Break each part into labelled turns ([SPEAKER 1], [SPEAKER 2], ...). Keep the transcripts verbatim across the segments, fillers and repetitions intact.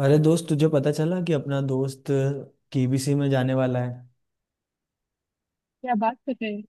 [SPEAKER 1] अरे दोस्त, तुझे पता चला कि अपना दोस्त केबीसी में जाने वाला है।
[SPEAKER 2] क्या बात कर रहे हैं।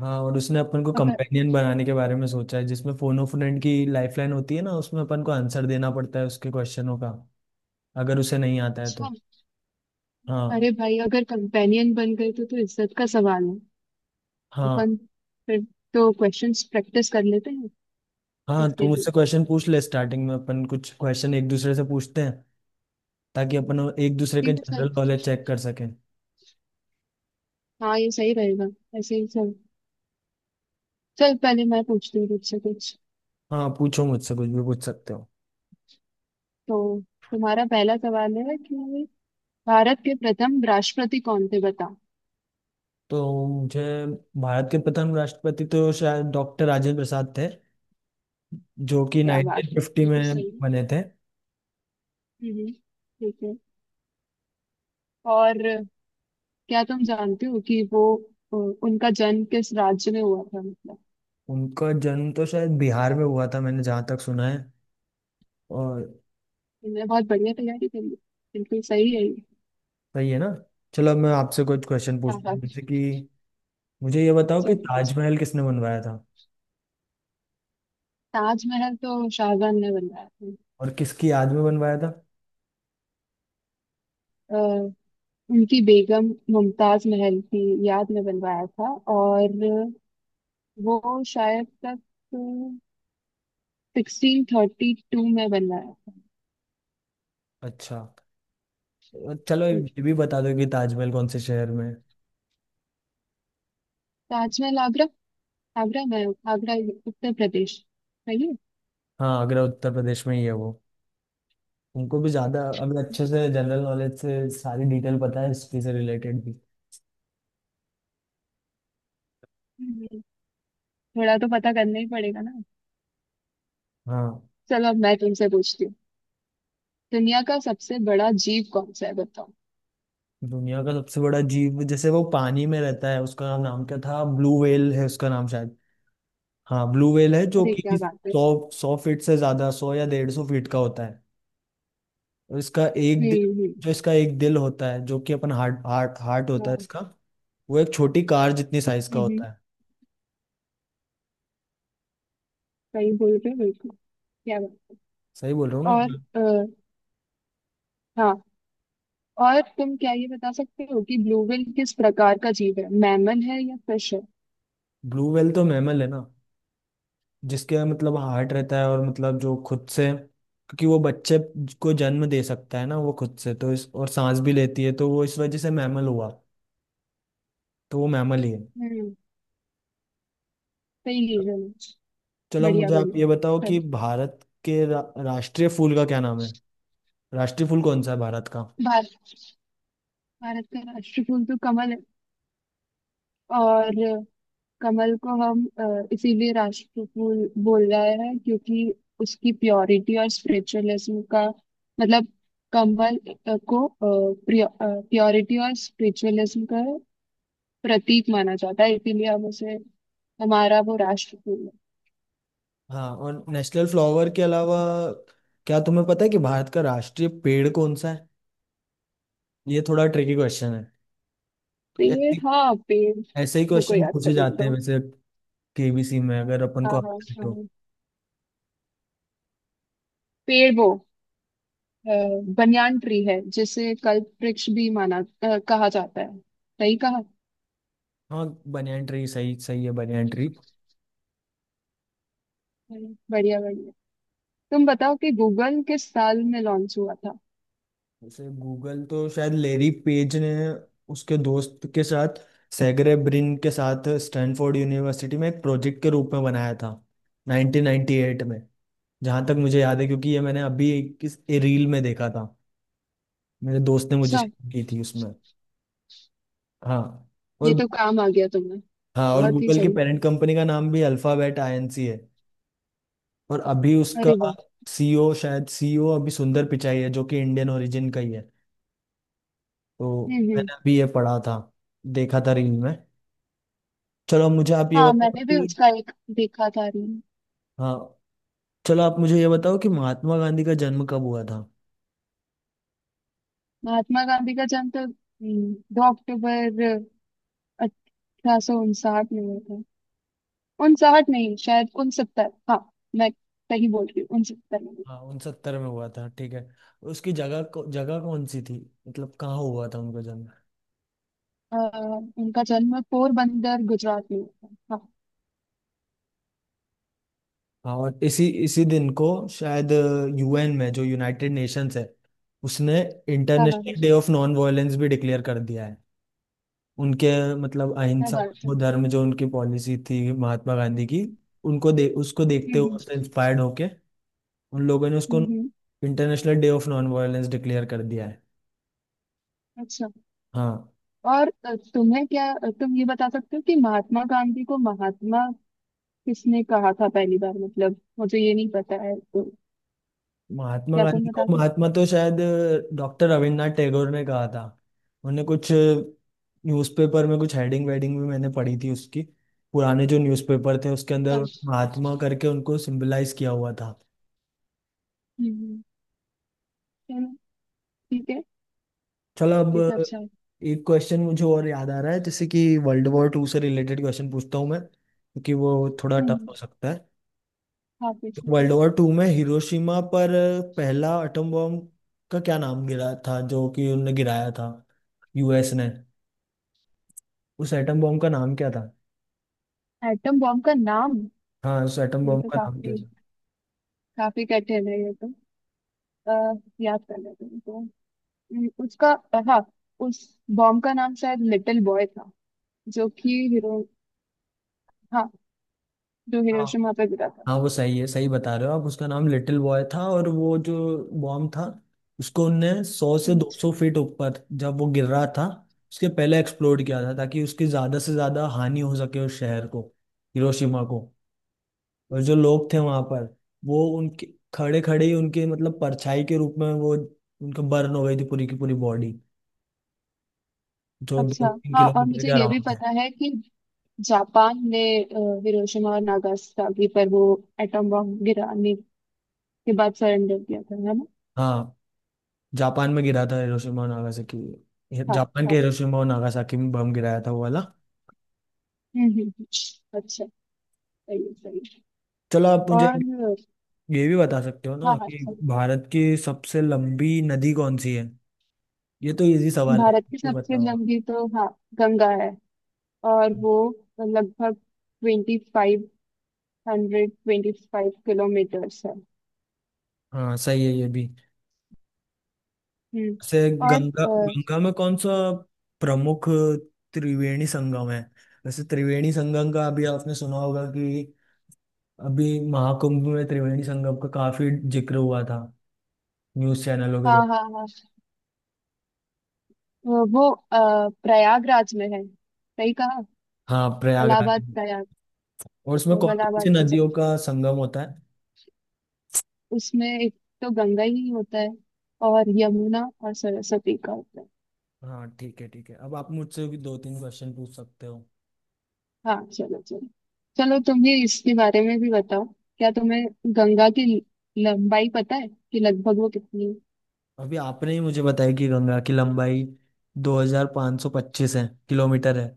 [SPEAKER 1] हाँ, और उसने अपन को
[SPEAKER 2] अगर,
[SPEAKER 1] कंपेनियन बनाने के बारे में सोचा है, जिसमें फोन ऑफ फ्रेंड की लाइफलाइन होती है ना। उसमें अपन को आंसर देना पड़ता है उसके क्वेश्चनों का। अगर उसे नहीं आता है
[SPEAKER 2] अच्छा।
[SPEAKER 1] तो। हाँ
[SPEAKER 2] अरे भाई, अगर कंपेनियन बन गए तो तो इज्जत का सवाल है।
[SPEAKER 1] हाँ।
[SPEAKER 2] अपन, फिर तो क्वेश्चंस प्रैक्टिस कर लेते हैं
[SPEAKER 1] हाँ, तू
[SPEAKER 2] इसके लिए।
[SPEAKER 1] मुझसे क्वेश्चन पूछ ले। स्टार्टिंग में अपन कुछ क्वेश्चन एक दूसरे से पूछते हैं, ताकि अपन एक दूसरे के
[SPEAKER 2] ठीक है सर।
[SPEAKER 1] जनरल नॉलेज चेक कर सकें।
[SPEAKER 2] हाँ, ये सही रहेगा। ऐसे ही सर। चल, पहले मैं पूछती हूँ तुझसे कुछ।
[SPEAKER 1] हाँ, पूछो, मुझसे कुछ भी पूछ सकते हो।
[SPEAKER 2] तो तुम्हारा पहला सवाल है कि भारत के प्रथम राष्ट्रपति कौन थे, बताओ।
[SPEAKER 1] तो मुझे भारत के प्रथम राष्ट्रपति तो शायद डॉक्टर राजेंद्र प्रसाद थे, जो कि
[SPEAKER 2] क्या बात है,
[SPEAKER 1] उन्नीस सौ पचास
[SPEAKER 2] ये तो
[SPEAKER 1] में
[SPEAKER 2] सही है।
[SPEAKER 1] बने थे।
[SPEAKER 2] हम्म, ठीक है। और क्या तुम जानते हो कि वो अ, उनका जन्म किस राज्य में हुआ था, मतलब।
[SPEAKER 1] उनका जन्म तो शायद बिहार में हुआ था, मैंने जहाँ तक सुना है। और
[SPEAKER 2] तुमने बहुत बढ़िया तैयारी करी है। बिल्कुल सही है ये।
[SPEAKER 1] सही है ना। चलो, अब मैं आपसे कुछ क्वेश्चन
[SPEAKER 2] हाँ
[SPEAKER 1] पूछता
[SPEAKER 2] हाँ,
[SPEAKER 1] हूँ, जैसे कि मुझे ये बताओ कि
[SPEAKER 2] चलो कुछ।
[SPEAKER 1] ताजमहल किसने बनवाया था
[SPEAKER 2] ताजमहल तो शाहजहां ने बनवाया था।
[SPEAKER 1] और किसकी याद में बनवाया था।
[SPEAKER 2] अ, उनकी बेगम मुमताज महल की याद में बनवाया था। और वो शायद तक सिक्सटीन थर्टी टू में बनवाया था।
[SPEAKER 1] अच्छा, चलो
[SPEAKER 2] हम्म,
[SPEAKER 1] ये भी बता दो कि ताजमहल कौन से शहर में है।
[SPEAKER 2] ताजमहल आगरा, आगरा में, आगरा उत्तर प्रदेश, सही है।
[SPEAKER 1] हाँ, आगरा उत्तर प्रदेश में ही है वो। तुमको भी ज़्यादा अभी अच्छे से जनरल नॉलेज से सारी डिटेल पता है, हिस्ट्री से रिलेटेड भी।
[SPEAKER 2] हम्म, थोड़ा तो पता करना ही पड़ेगा ना।
[SPEAKER 1] हाँ,
[SPEAKER 2] चलो, अब मैं तुमसे पूछती हूँ, दुनिया का सबसे बड़ा जीव कौन सा है, बताओ।
[SPEAKER 1] दुनिया का सबसे बड़ा जीव, जैसे वो पानी में रहता है, उसका नाम क्या था? ब्लू व्हेल है उसका नाम शायद। हाँ, ब्लू व्हेल है, जो
[SPEAKER 2] अरे
[SPEAKER 1] कि
[SPEAKER 2] क्या बात है।
[SPEAKER 1] सौ सौ फीट से ज्यादा, सौ या डेढ़ सौ फीट का होता है। और इसका एक
[SPEAKER 2] हम्म
[SPEAKER 1] दिल,
[SPEAKER 2] हम्म।
[SPEAKER 1] जो इसका एक दिल होता है, जो कि अपन हार्ट हार्ट हार्ट होता है
[SPEAKER 2] हाँ,
[SPEAKER 1] इसका। वो एक छोटी कार जितनी साइज का
[SPEAKER 2] हम्म,
[SPEAKER 1] होता है।
[SPEAKER 2] सही बोल रहे हो बिल्कुल, क्या बात।
[SPEAKER 1] सही बोल रहा हूँ
[SPEAKER 2] और
[SPEAKER 1] ना।
[SPEAKER 2] अ, हाँ, और तुम क्या ये बता सकते हो कि ब्लू व्हेल किस प्रकार का जीव है, मैमल है या फिश है।
[SPEAKER 1] ब्लू व्हेल तो मैमल है ना, जिसके मतलब हार्ट रहता है, और मतलब जो खुद से, क्योंकि वो बच्चे को जन्म दे सकता है ना वो खुद से, तो इस और सांस भी लेती है, तो वो इस वजह से मैमल हुआ। तो वो मैमल ही है।
[SPEAKER 2] हम्म, सही रीजन है।
[SPEAKER 1] चलो,
[SPEAKER 2] बढ़िया
[SPEAKER 1] मुझे आप ये बताओ
[SPEAKER 2] बढ़िया।
[SPEAKER 1] कि
[SPEAKER 2] चलो।
[SPEAKER 1] भारत के रा, राष्ट्रीय फूल का क्या नाम है? राष्ट्रीय फूल कौन सा है भारत का?
[SPEAKER 2] भारत, भारत का राष्ट्र फूल तो कमल है। और अ, कमल को हम अ, इसीलिए राष्ट्र फूल बोल रहे हैं क्योंकि उसकी प्योरिटी और स्पिरिचुअलिज्म का मतलब, कमल अ, को प्योरिटी और स्पिरिचुअलिज्म का प्रतीक माना जाता है, इसीलिए हम उसे, हमारा वो राष्ट्र फूल है।
[SPEAKER 1] हाँ, और नेशनल फ्लावर के अलावा क्या तुम्हें पता है कि भारत का राष्ट्रीय पेड़ कौन सा है? ये थोड़ा ट्रिकी क्वेश्चन है,
[SPEAKER 2] तो
[SPEAKER 1] क्योंकि
[SPEAKER 2] ये,
[SPEAKER 1] ऐसे
[SPEAKER 2] हाँ, पेड़,
[SPEAKER 1] ऐसे ही
[SPEAKER 2] रुको
[SPEAKER 1] क्वेश्चन
[SPEAKER 2] याद
[SPEAKER 1] पूछे
[SPEAKER 2] करिए
[SPEAKER 1] जाते हैं
[SPEAKER 2] दो।
[SPEAKER 1] वैसे। केबीसी में अगर अपन
[SPEAKER 2] हाँ
[SPEAKER 1] को
[SPEAKER 2] हाँ
[SPEAKER 1] आता है तो।
[SPEAKER 2] हाँ। पेड़ वो अ, बनियान ट्री है जिसे कल्प वृक्ष भी माना अ, कहा जाता है, सही कहा।
[SPEAKER 1] हाँ, बनियन ट्री सही, सही है बनियन ट्री।
[SPEAKER 2] हम्म, बढ़िया बढ़िया। तुम बताओ कि गूगल किस साल में लॉन्च हुआ था।
[SPEAKER 1] जैसे गूगल तो शायद लेरी पेज ने उसके दोस्त के साथ, सेगरे ब्रिन के साथ, स्टैनफोर्ड यूनिवर्सिटी में एक प्रोजेक्ट के रूप में बनाया था उन्नीस सौ अट्ठानवे में, जहाँ तक मुझे याद है, क्योंकि ये मैंने अभी एक किस रील में देखा था, मेरे दोस्त ने मुझे
[SPEAKER 2] अच्छा,
[SPEAKER 1] शेयर की थी उसमें। हाँ। और
[SPEAKER 2] ये तो काम आ गया तुम्हें।
[SPEAKER 1] हाँ, और
[SPEAKER 2] बहुत ही
[SPEAKER 1] गूगल की
[SPEAKER 2] सही।
[SPEAKER 1] पेरेंट कंपनी का नाम भी अल्फाबेट आईएनसी है। और अभी उसका
[SPEAKER 2] अरे वाह।
[SPEAKER 1] सीईओ शायद, सीईओ अभी सुंदर पिचाई है, जो कि इंडियन ओरिजिन का ही है तो।
[SPEAKER 2] हम्म हम्म।
[SPEAKER 1] मैंने अभी ये पढ़ा था, देखा था रील में। चलो, अब मुझे आप ये
[SPEAKER 2] हाँ,
[SPEAKER 1] बताओ
[SPEAKER 2] मैंने भी
[SPEAKER 1] कि
[SPEAKER 2] उसका एक देखा था रील।
[SPEAKER 1] हाँ, चलो आप मुझे ये बताओ कि महात्मा गांधी का जन्म कब हुआ था।
[SPEAKER 2] महात्मा गांधी का जन्म तो हम्म, दो अक्टूबर अठारह सौ उनसाठ में हुआ था। उनसाठ नहीं, शायद उनसत्तर। हाँ, मैं सही बोल रही हूँ, उनसत्तर में।
[SPEAKER 1] हाँ, उनसत्तर में हुआ था, ठीक है। उसकी जगह को जगह कौन सी थी? मतलब कहाँ हुआ था उनका जन्म?
[SPEAKER 2] अ, उनका जन्म पोरबंदर गुजरात में हुआ था।
[SPEAKER 1] हाँ, और इसी इसी दिन को शायद यूएन में, जो यूनाइटेड नेशंस है, उसने
[SPEAKER 2] हाँ हाँ हाँ
[SPEAKER 1] इंटरनेशनल
[SPEAKER 2] हाँ,
[SPEAKER 1] डे ऑफ नॉन वायलेंस भी डिक्लेयर कर दिया है। उनके मतलब
[SPEAKER 2] क्या
[SPEAKER 1] अहिंसा,
[SPEAKER 2] बात है।
[SPEAKER 1] वो धर्म जो उनकी पॉलिसी थी महात्मा गांधी की, उनको दे उसको
[SPEAKER 2] हम्म
[SPEAKER 1] देखते हुए,
[SPEAKER 2] हम्म
[SPEAKER 1] उससे इंस्पायर्ड होके, उन लोगों ने उसको
[SPEAKER 2] हम्म, हम्म,
[SPEAKER 1] international day of non violence declare कर दिया है।
[SPEAKER 2] अच्छा।
[SPEAKER 1] हाँ।
[SPEAKER 2] और अ, तुम्हें क्या, तुम ये बता सकते हो कि महात्मा गांधी को महात्मा किसने कहा था पहली बार, मतलब मुझे ये नहीं पता है, तो
[SPEAKER 1] महात्मा
[SPEAKER 2] क्या तुम
[SPEAKER 1] गांधी को
[SPEAKER 2] बता सकते हो।
[SPEAKER 1] महात्मा तो शायद डॉक्टर रविन्द्रनाथ टैगोर ने कहा था। उन्हें कुछ न्यूज़पेपर में कुछ हेडिंग वेडिंग भी मैंने पढ़ी थी उसकी। पुराने जो न्यूज़पेपर थे उसके अंदर
[SPEAKER 2] पर-
[SPEAKER 1] महात्मा करके उनको सिंबलाइज किया हुआ था।
[SPEAKER 2] हम्म हम्म, चलो ठीक है,
[SPEAKER 1] चलो, अब
[SPEAKER 2] ये तो अच्छा है।
[SPEAKER 1] एक क्वेश्चन मुझे और याद आ रहा है, जैसे कि वर्ल्ड वॉर टू से रिलेटेड क्वेश्चन पूछता हूँ मैं, क्योंकि वो थोड़ा टफ
[SPEAKER 2] हम्म,
[SPEAKER 1] हो सकता है।
[SPEAKER 2] हाँ पूछो।
[SPEAKER 1] वर्ल्ड वॉर टू में हिरोशिमा पर पहला एटम बॉम्ब का क्या नाम गिरा था, जो कि उनने गिराया था, यूएस ने? उस एटम बॉम्ब का नाम क्या था?
[SPEAKER 2] एटम बॉम्ब का नाम,
[SPEAKER 1] हाँ, उस एटम
[SPEAKER 2] ये
[SPEAKER 1] बॉम्ब
[SPEAKER 2] तो
[SPEAKER 1] का नाम क्या
[SPEAKER 2] काफी,
[SPEAKER 1] था?
[SPEAKER 2] काफी कठिन है ये तो। आ, याद कर लेते हैं तो। हम्म, उसका, हाँ, उस बॉम्ब का नाम शायद लिटिल बॉय था, जो कि हिरो, हाँ, जो
[SPEAKER 1] हाँ,
[SPEAKER 2] हिरोशिमा पे गिरा था।
[SPEAKER 1] हाँ, वो सही है, सही बता रहे हो आप। उसका नाम लिटिल बॉय था। और वो जो बॉम्ब था, उसको उनने सौ से
[SPEAKER 2] हम्म,
[SPEAKER 1] दो सौ फीट ऊपर जब वो गिर रहा था उसके पहले एक्सप्लोड किया था, ताकि उसकी ज्यादा से ज्यादा हानि हो सके उस शहर को, हिरोशिमा को। और जो लोग थे वहां पर, वो उनके खड़े खड़े ही उनके मतलब परछाई के रूप में, वो उनका बर्न हो गई थी पूरी की पूरी बॉडी, जो दो
[SPEAKER 2] अच्छा।
[SPEAKER 1] तीन
[SPEAKER 2] हाँ, और
[SPEAKER 1] किलोमीटर
[SPEAKER 2] मुझे
[SPEAKER 1] के
[SPEAKER 2] ये भी
[SPEAKER 1] अराउंड था।
[SPEAKER 2] पता है कि जापान ने अ, हिरोशिमा और नागासाकी पर वो एटम बॉम्ब गिराने के बाद सरेंडर किया था, है ना।
[SPEAKER 1] हाँ, जापान में गिरा था, हिरोशिमा और नागासाकी,
[SPEAKER 2] हाँ
[SPEAKER 1] जापान के
[SPEAKER 2] हाँ।
[SPEAKER 1] हिरोशिमा और नागासाकी में बम गिराया था वो वाला।
[SPEAKER 2] हम्म हम्म हम्म, अच्छा, सही है, सही है।
[SPEAKER 1] चलो, आप मुझे
[SPEAKER 2] और
[SPEAKER 1] ये भी बता सकते हो ना
[SPEAKER 2] हाँ हाँ
[SPEAKER 1] कि
[SPEAKER 2] सही।
[SPEAKER 1] भारत की सबसे लंबी नदी कौन सी है? ये तो इजी सवाल है,
[SPEAKER 2] भारत की
[SPEAKER 1] तो
[SPEAKER 2] सबसे
[SPEAKER 1] बताओ।
[SPEAKER 2] लंबी तो, हाँ, गंगा है। और वो लगभग twenty five, hundred twenty five kilometres है।
[SPEAKER 1] हाँ, सही है ये भी।
[SPEAKER 2] हम्म।
[SPEAKER 1] से
[SPEAKER 2] और
[SPEAKER 1] गंगा
[SPEAKER 2] अ,
[SPEAKER 1] गंगा में कौन सा प्रमुख त्रिवेणी संगम है? वैसे त्रिवेणी संगम का अभी आपने सुना होगा कि अभी महाकुंभ में त्रिवेणी संगम का काफी जिक्र हुआ था न्यूज चैनलों के
[SPEAKER 2] हाँ
[SPEAKER 1] द्वारा।
[SPEAKER 2] हाँ हाँ। वो वो, अ, प्रयागराज में है, सही कहा।
[SPEAKER 1] हाँ, प्रयागराज
[SPEAKER 2] इलाहाबाद,
[SPEAKER 1] में।
[SPEAKER 2] प्रयाग।
[SPEAKER 1] और उसमें
[SPEAKER 2] तो
[SPEAKER 1] कौन कौन सी
[SPEAKER 2] इलाहाबाद से
[SPEAKER 1] नदियों
[SPEAKER 2] चला,
[SPEAKER 1] का संगम होता है?
[SPEAKER 2] उसमें एक तो गंगा ही होता है और यमुना और सरस्वती का होता है।
[SPEAKER 1] हाँ, ठीक है, ठीक है, अब आप मुझसे भी दो तीन क्वेश्चन पूछ सकते हो।
[SPEAKER 2] हाँ, चलो चलो। चलो, तुम भी इसके बारे में भी बताओ, क्या तुम्हें गंगा की लंबाई पता है कि लगभग वो कितनी।
[SPEAKER 1] अभी आपने ही मुझे बताया कि गंगा की लंबाई दो हज़ार पाँच सौ पच्चीस है, किलोमीटर है।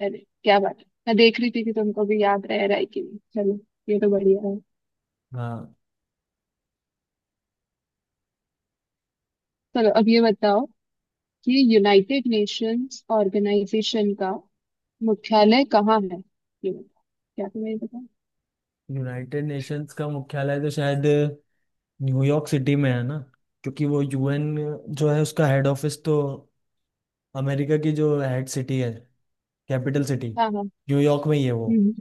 [SPEAKER 2] अरे क्या बात है, मैं देख रही थी कि तुमको भी याद रह रहा है कि नहीं। चलो, ये तो बढ़िया है।
[SPEAKER 1] हाँ।
[SPEAKER 2] चलो, अब ये बताओ कि यूनाइटेड नेशंस ऑर्गेनाइजेशन का मुख्यालय कहाँ है, ये बताओ, क्या तुम्हें ये पता है?
[SPEAKER 1] यूनाइटेड नेशंस का मुख्यालय तो शायद न्यूयॉर्क सिटी में है ना, क्योंकि वो यूएन जो है उसका हेड ऑफिस तो अमेरिका की जो हेड सिटी है, कैपिटल सिटी,
[SPEAKER 2] हाँ हाँ।
[SPEAKER 1] न्यूयॉर्क में ही है वो।
[SPEAKER 2] हम्म,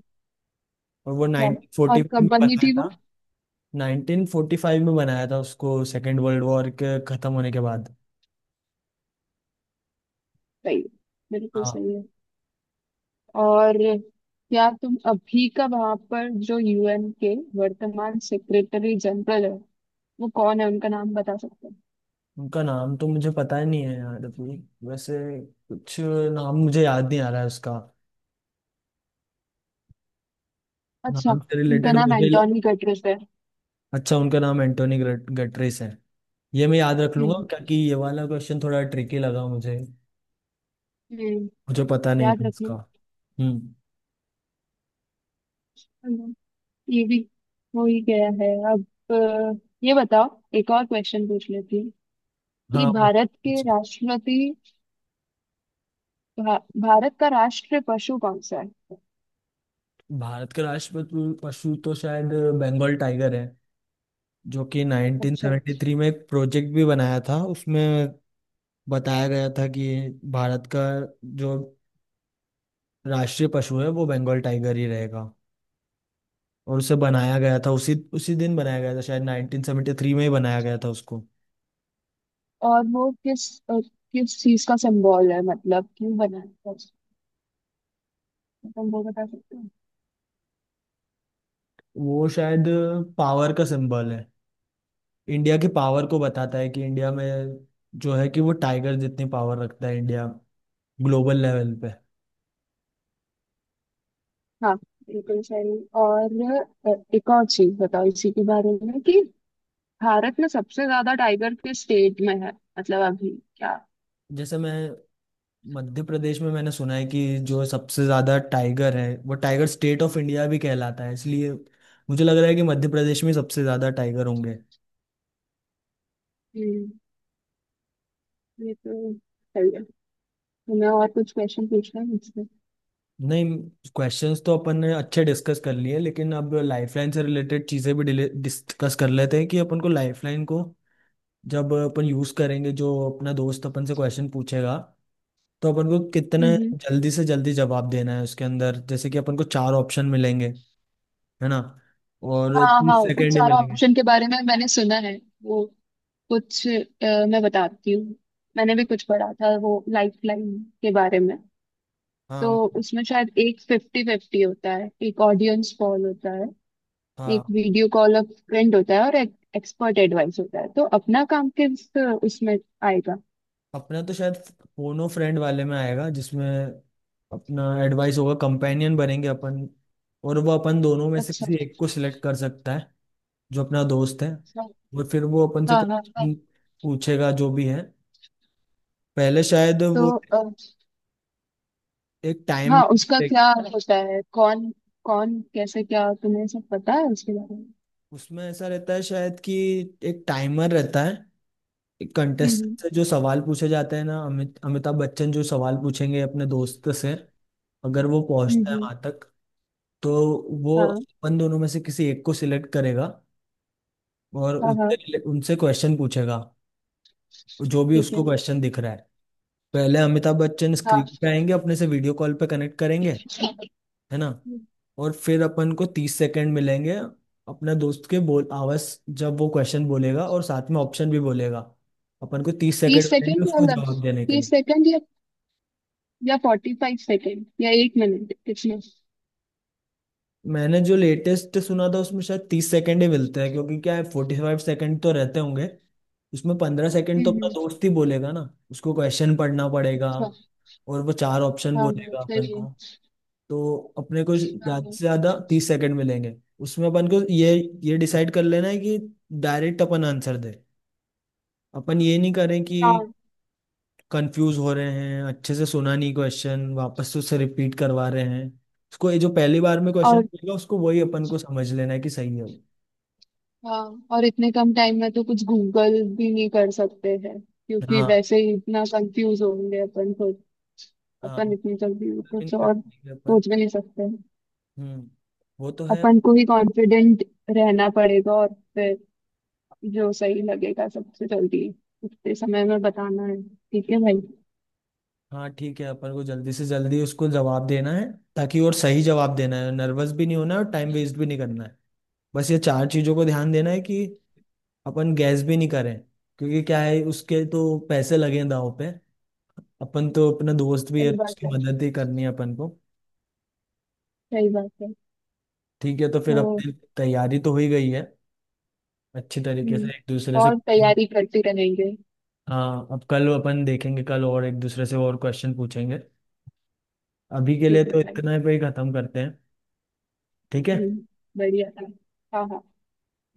[SPEAKER 1] और वो
[SPEAKER 2] क्या बात। और
[SPEAKER 1] उन्नीस सौ पैंतालीस में
[SPEAKER 2] कब बनी
[SPEAKER 1] बनाया
[SPEAKER 2] थी
[SPEAKER 1] था।
[SPEAKER 2] वो।
[SPEAKER 1] उन्नीस सौ पैंतालीस में बनाया था उसको, सेकेंड वर्ल्ड वॉर के खत्म होने के बाद।
[SPEAKER 2] सही है, बिल्कुल
[SPEAKER 1] हाँ।
[SPEAKER 2] सही है। और क्या तुम अभी का वहां पर जो यूएन के वर्तमान सेक्रेटरी जनरल है, वो कौन है, उनका नाम बता सकते हो।
[SPEAKER 1] उनका नाम तो मुझे पता ही नहीं है यार अभी। वैसे कुछ नाम मुझे याद नहीं आ रहा है उसका,
[SPEAKER 2] अच्छा,
[SPEAKER 1] नाम से
[SPEAKER 2] उनका
[SPEAKER 1] रिलेटेड
[SPEAKER 2] नाम
[SPEAKER 1] मुझे।
[SPEAKER 2] एंटोनी गटरेस है।
[SPEAKER 1] अच्छा, उनका नाम एंटोनी गटरेस है। ये मैं याद रख
[SPEAKER 2] हम्म
[SPEAKER 1] लूंगा,
[SPEAKER 2] हम्म,
[SPEAKER 1] क्योंकि ये वाला क्वेश्चन थोड़ा ट्रिकी लगा मुझे।
[SPEAKER 2] हम्म,
[SPEAKER 1] मुझे पता नहीं
[SPEAKER 2] याद
[SPEAKER 1] था
[SPEAKER 2] रखना।
[SPEAKER 1] इसका। हम्म।
[SPEAKER 2] हम्म, ये भी हो ही गया है अब। अ, ये बताओ, एक और क्वेश्चन पूछ लेती हूँ
[SPEAKER 1] हाँ,
[SPEAKER 2] कि
[SPEAKER 1] वो-
[SPEAKER 2] भारत के
[SPEAKER 1] उस-
[SPEAKER 2] राष्ट्रपति, भा, भारत का राष्ट्र पशु कौन सा है।
[SPEAKER 1] भारत के राष्ट्रीय पशु तो शायद बंगाल टाइगर है, जो कि
[SPEAKER 2] अच्छा।
[SPEAKER 1] उन्नीस सौ तिहत्तर में एक प्रोजेक्ट भी बनाया था उसमें। बताया गया था कि भारत का जो राष्ट्रीय पशु है वो बंगाल टाइगर ही रहेगा। और उसे बनाया गया था उसी उसी दिन, बनाया गया था शायद उन्नीस सौ तिहत्तर में ही बनाया गया था उसको।
[SPEAKER 2] और वो किस अ, किस चीज का सिंबल है, मतलब क्यों बना है उसको? तुम वो बता सकते हो।
[SPEAKER 1] वो शायद पावर का सिंबल है। इंडिया की पावर को बताता है कि इंडिया में, जो है कि वो टाइगर जितनी पावर रखता है इंडिया ग्लोबल लेवल पे।
[SPEAKER 2] हाँ, बिल्कुल सही। और अ, एक और चीज बताओ इसी के बारे में कि भारत में सबसे ज्यादा टाइगर किस स्टेट में है, मतलब अभी, क्या।
[SPEAKER 1] जैसे मैं, मध्य प्रदेश में मैंने सुना है कि जो सबसे ज्यादा टाइगर है, वो टाइगर स्टेट ऑफ इंडिया भी कहलाता है, इसलिए मुझे लग रहा है कि मध्य प्रदेश में सबसे ज्यादा टाइगर होंगे।
[SPEAKER 2] हम्म, ये तो सही है। मैं और कुछ क्वेश्चन पूछना है मुझसे।
[SPEAKER 1] नहीं, क्वेश्चंस तो अपन ने अच्छे डिस्कस कर लिए, लेकिन अब लाइफलाइन से रिलेटेड चीज़ें भी डिस्कस कर लेते हैं, कि अपन को लाइफलाइन को जब अपन यूज़ करेंगे, जो अपना दोस्त अपन से क्वेश्चन पूछेगा, तो अपन को कितने
[SPEAKER 2] हम्म,
[SPEAKER 1] जल्दी से जल्दी जवाब देना है उसके अंदर, जैसे कि अपन को चार ऑप्शन मिलेंगे, है ना। और
[SPEAKER 2] हाँ हाँ,
[SPEAKER 1] तीस
[SPEAKER 2] उन
[SPEAKER 1] सेकेंड ही
[SPEAKER 2] चारों
[SPEAKER 1] मिलेंगे।
[SPEAKER 2] ऑप्शन के बारे में मैंने सुना है। वो कुछ अ, मैं बताती हूँ, मैंने भी कुछ पढ़ा था वो लाइफ लाइन के बारे में। तो
[SPEAKER 1] हाँ,
[SPEAKER 2] उसमें शायद एक फिफ्टी फिफ्टी होता है, एक ऑडियंस कॉल होता है,
[SPEAKER 1] हाँ।
[SPEAKER 2] एक वीडियो कॉल ऑफ फ्रेंड होता है और एक एक्सपर्ट एडवाइस होता है। तो अपना काम किस उसमें आएगा।
[SPEAKER 1] अपना तो शायद फोनो फ्रेंड वाले में आएगा, जिसमें अपना एडवाइस होगा, कंपेनियन बनेंगे अपन। और वो अपन दोनों में से
[SPEAKER 2] अच्छा,
[SPEAKER 1] किसी एक को सिलेक्ट कर सकता है, जो अपना दोस्त है।
[SPEAKER 2] अच्छा,
[SPEAKER 1] और फिर वो अपन से
[SPEAKER 2] हाँ हाँ हाँ।
[SPEAKER 1] क्वेश्चन पूछेगा, जो भी है। पहले शायद
[SPEAKER 2] तो,
[SPEAKER 1] वो एक टाइम
[SPEAKER 2] हाँ, उसका
[SPEAKER 1] लिमिट,
[SPEAKER 2] क्या होता है, कौन कौन कैसे क्या, तुम्हें सब पता है उसके बारे में।
[SPEAKER 1] उसमें ऐसा रहता है शायद कि एक टाइमर रहता है। कंटेस्ट
[SPEAKER 2] हम्म
[SPEAKER 1] से जो सवाल पूछे जाते हैं ना, अमित अमिताभ बच्चन जो सवाल पूछेंगे अपने दोस्त से, अगर वो
[SPEAKER 2] हम्म
[SPEAKER 1] पहुंचता है
[SPEAKER 2] हम्म,
[SPEAKER 1] वहां तक, तो वो
[SPEAKER 2] हाँ
[SPEAKER 1] अपन दोनों में से किसी एक को सिलेक्ट करेगा और
[SPEAKER 2] हाँ हाँ,
[SPEAKER 1] उनसे उनसे क्वेश्चन पूछेगा, जो भी
[SPEAKER 2] ठीक है।
[SPEAKER 1] उसको क्वेश्चन दिख रहा है। पहले अमिताभ बच्चन
[SPEAKER 2] हाँ,
[SPEAKER 1] स्क्रीन पे आएंगे, अपने से वीडियो कॉल पे कनेक्ट करेंगे, है ना, और फिर अपन को तीस सेकंड मिलेंगे। अपने दोस्त के बोल आवाज, जब वो क्वेश्चन बोलेगा और साथ में ऑप्शन भी बोलेगा, अपन को तीस सेकंड
[SPEAKER 2] तीस
[SPEAKER 1] मिलेंगे
[SPEAKER 2] सेकंड या
[SPEAKER 1] उसको
[SPEAKER 2] मतलब
[SPEAKER 1] जवाब देने के
[SPEAKER 2] तीस
[SPEAKER 1] लिए।
[SPEAKER 2] सेकंड या या फोर्टी फाइव सेकेंड या एक मिनट, कितना।
[SPEAKER 1] मैंने जो लेटेस्ट सुना था उसमें शायद तीस सेकंड ही मिलते हैं, क्योंकि क्या है फोर्टी फाइव सेकंड तो रहते होंगे, उसमें पंद्रह सेकंड तो अपना
[SPEAKER 2] हम्म,
[SPEAKER 1] दोस्त ही बोलेगा ना, उसको क्वेश्चन पढ़ना पड़ेगा,
[SPEAKER 2] अच्छा,
[SPEAKER 1] और वो चार ऑप्शन
[SPEAKER 2] हाँ हाँ
[SPEAKER 1] बोलेगा अपन
[SPEAKER 2] सही है।
[SPEAKER 1] को। तो अपने को
[SPEAKER 2] हाँ
[SPEAKER 1] ज्यादा
[SPEAKER 2] हाँ
[SPEAKER 1] से ज्यादा तीस सेकंड मिलेंगे। उसमें अपन को ये ये डिसाइड कर लेना है कि डायरेक्ट अपन आंसर दे। अपन ये नहीं करें कि
[SPEAKER 2] हाँ,
[SPEAKER 1] कंफ्यूज हो रहे हैं, अच्छे से सुना नहीं क्वेश्चन, वापस से उससे रिपीट करवा रहे हैं उसको। ये जो पहली बार में क्वेश्चन
[SPEAKER 2] और
[SPEAKER 1] मिलेगा, उसको वही अपन को समझ लेना है कि सही है वो।
[SPEAKER 2] हाँ, और इतने कम टाइम में तो कुछ गूगल भी नहीं कर सकते हैं, क्योंकि
[SPEAKER 1] हाँ,
[SPEAKER 2] वैसे ही इतना कंफ्यूज होंगे अपन खुद।
[SPEAKER 1] हाँ,
[SPEAKER 2] अपन इतनी जल्दी
[SPEAKER 1] बिल्कुल भी
[SPEAKER 2] कुछ
[SPEAKER 1] नहीं कर
[SPEAKER 2] और
[SPEAKER 1] पाएंगे अपन।
[SPEAKER 2] सोच भी नहीं सकते।
[SPEAKER 1] हम्म, वो तो है।
[SPEAKER 2] अपन को ही कॉन्फिडेंट रहना पड़ेगा और फिर जो सही लगेगा सबसे जल्दी उतने समय में बताना है, ठीक है भाई।
[SPEAKER 1] हाँ, ठीक है, अपन को जल्दी से जल्दी उसको जवाब देना है, ताकि और सही जवाब देना है, नर्वस भी नहीं होना है और टाइम वेस्ट भी नहीं करना है। बस ये चार चीज़ों को ध्यान देना है, कि अपन गैस भी नहीं करें, क्योंकि क्या है, उसके तो पैसे लगे हैं दाव पे। अपन तो अपना दोस्त भी है,
[SPEAKER 2] सही
[SPEAKER 1] तो
[SPEAKER 2] बात
[SPEAKER 1] उसकी
[SPEAKER 2] है,
[SPEAKER 1] मदद ही करनी है अपन को।
[SPEAKER 2] सही बात है।
[SPEAKER 1] ठीक है, तो फिर
[SPEAKER 2] तो,
[SPEAKER 1] अपनी तैयारी तो हो ही गई है अच्छी तरीके से, एक दूसरे
[SPEAKER 2] हम्म,
[SPEAKER 1] से
[SPEAKER 2] और
[SPEAKER 1] क्वेश्चन।
[SPEAKER 2] तैयारी करते रहेंगे।
[SPEAKER 1] हाँ, अब कल अपन देखेंगे, कल और एक दूसरे से और क्वेश्चन पूछेंगे। अभी के लिए
[SPEAKER 2] ठीक है
[SPEAKER 1] तो
[SPEAKER 2] भाई।
[SPEAKER 1] इतना पे ही खत्म करते हैं। ठीक है।
[SPEAKER 2] हम्म, बढ़िया था। हाँ हाँ।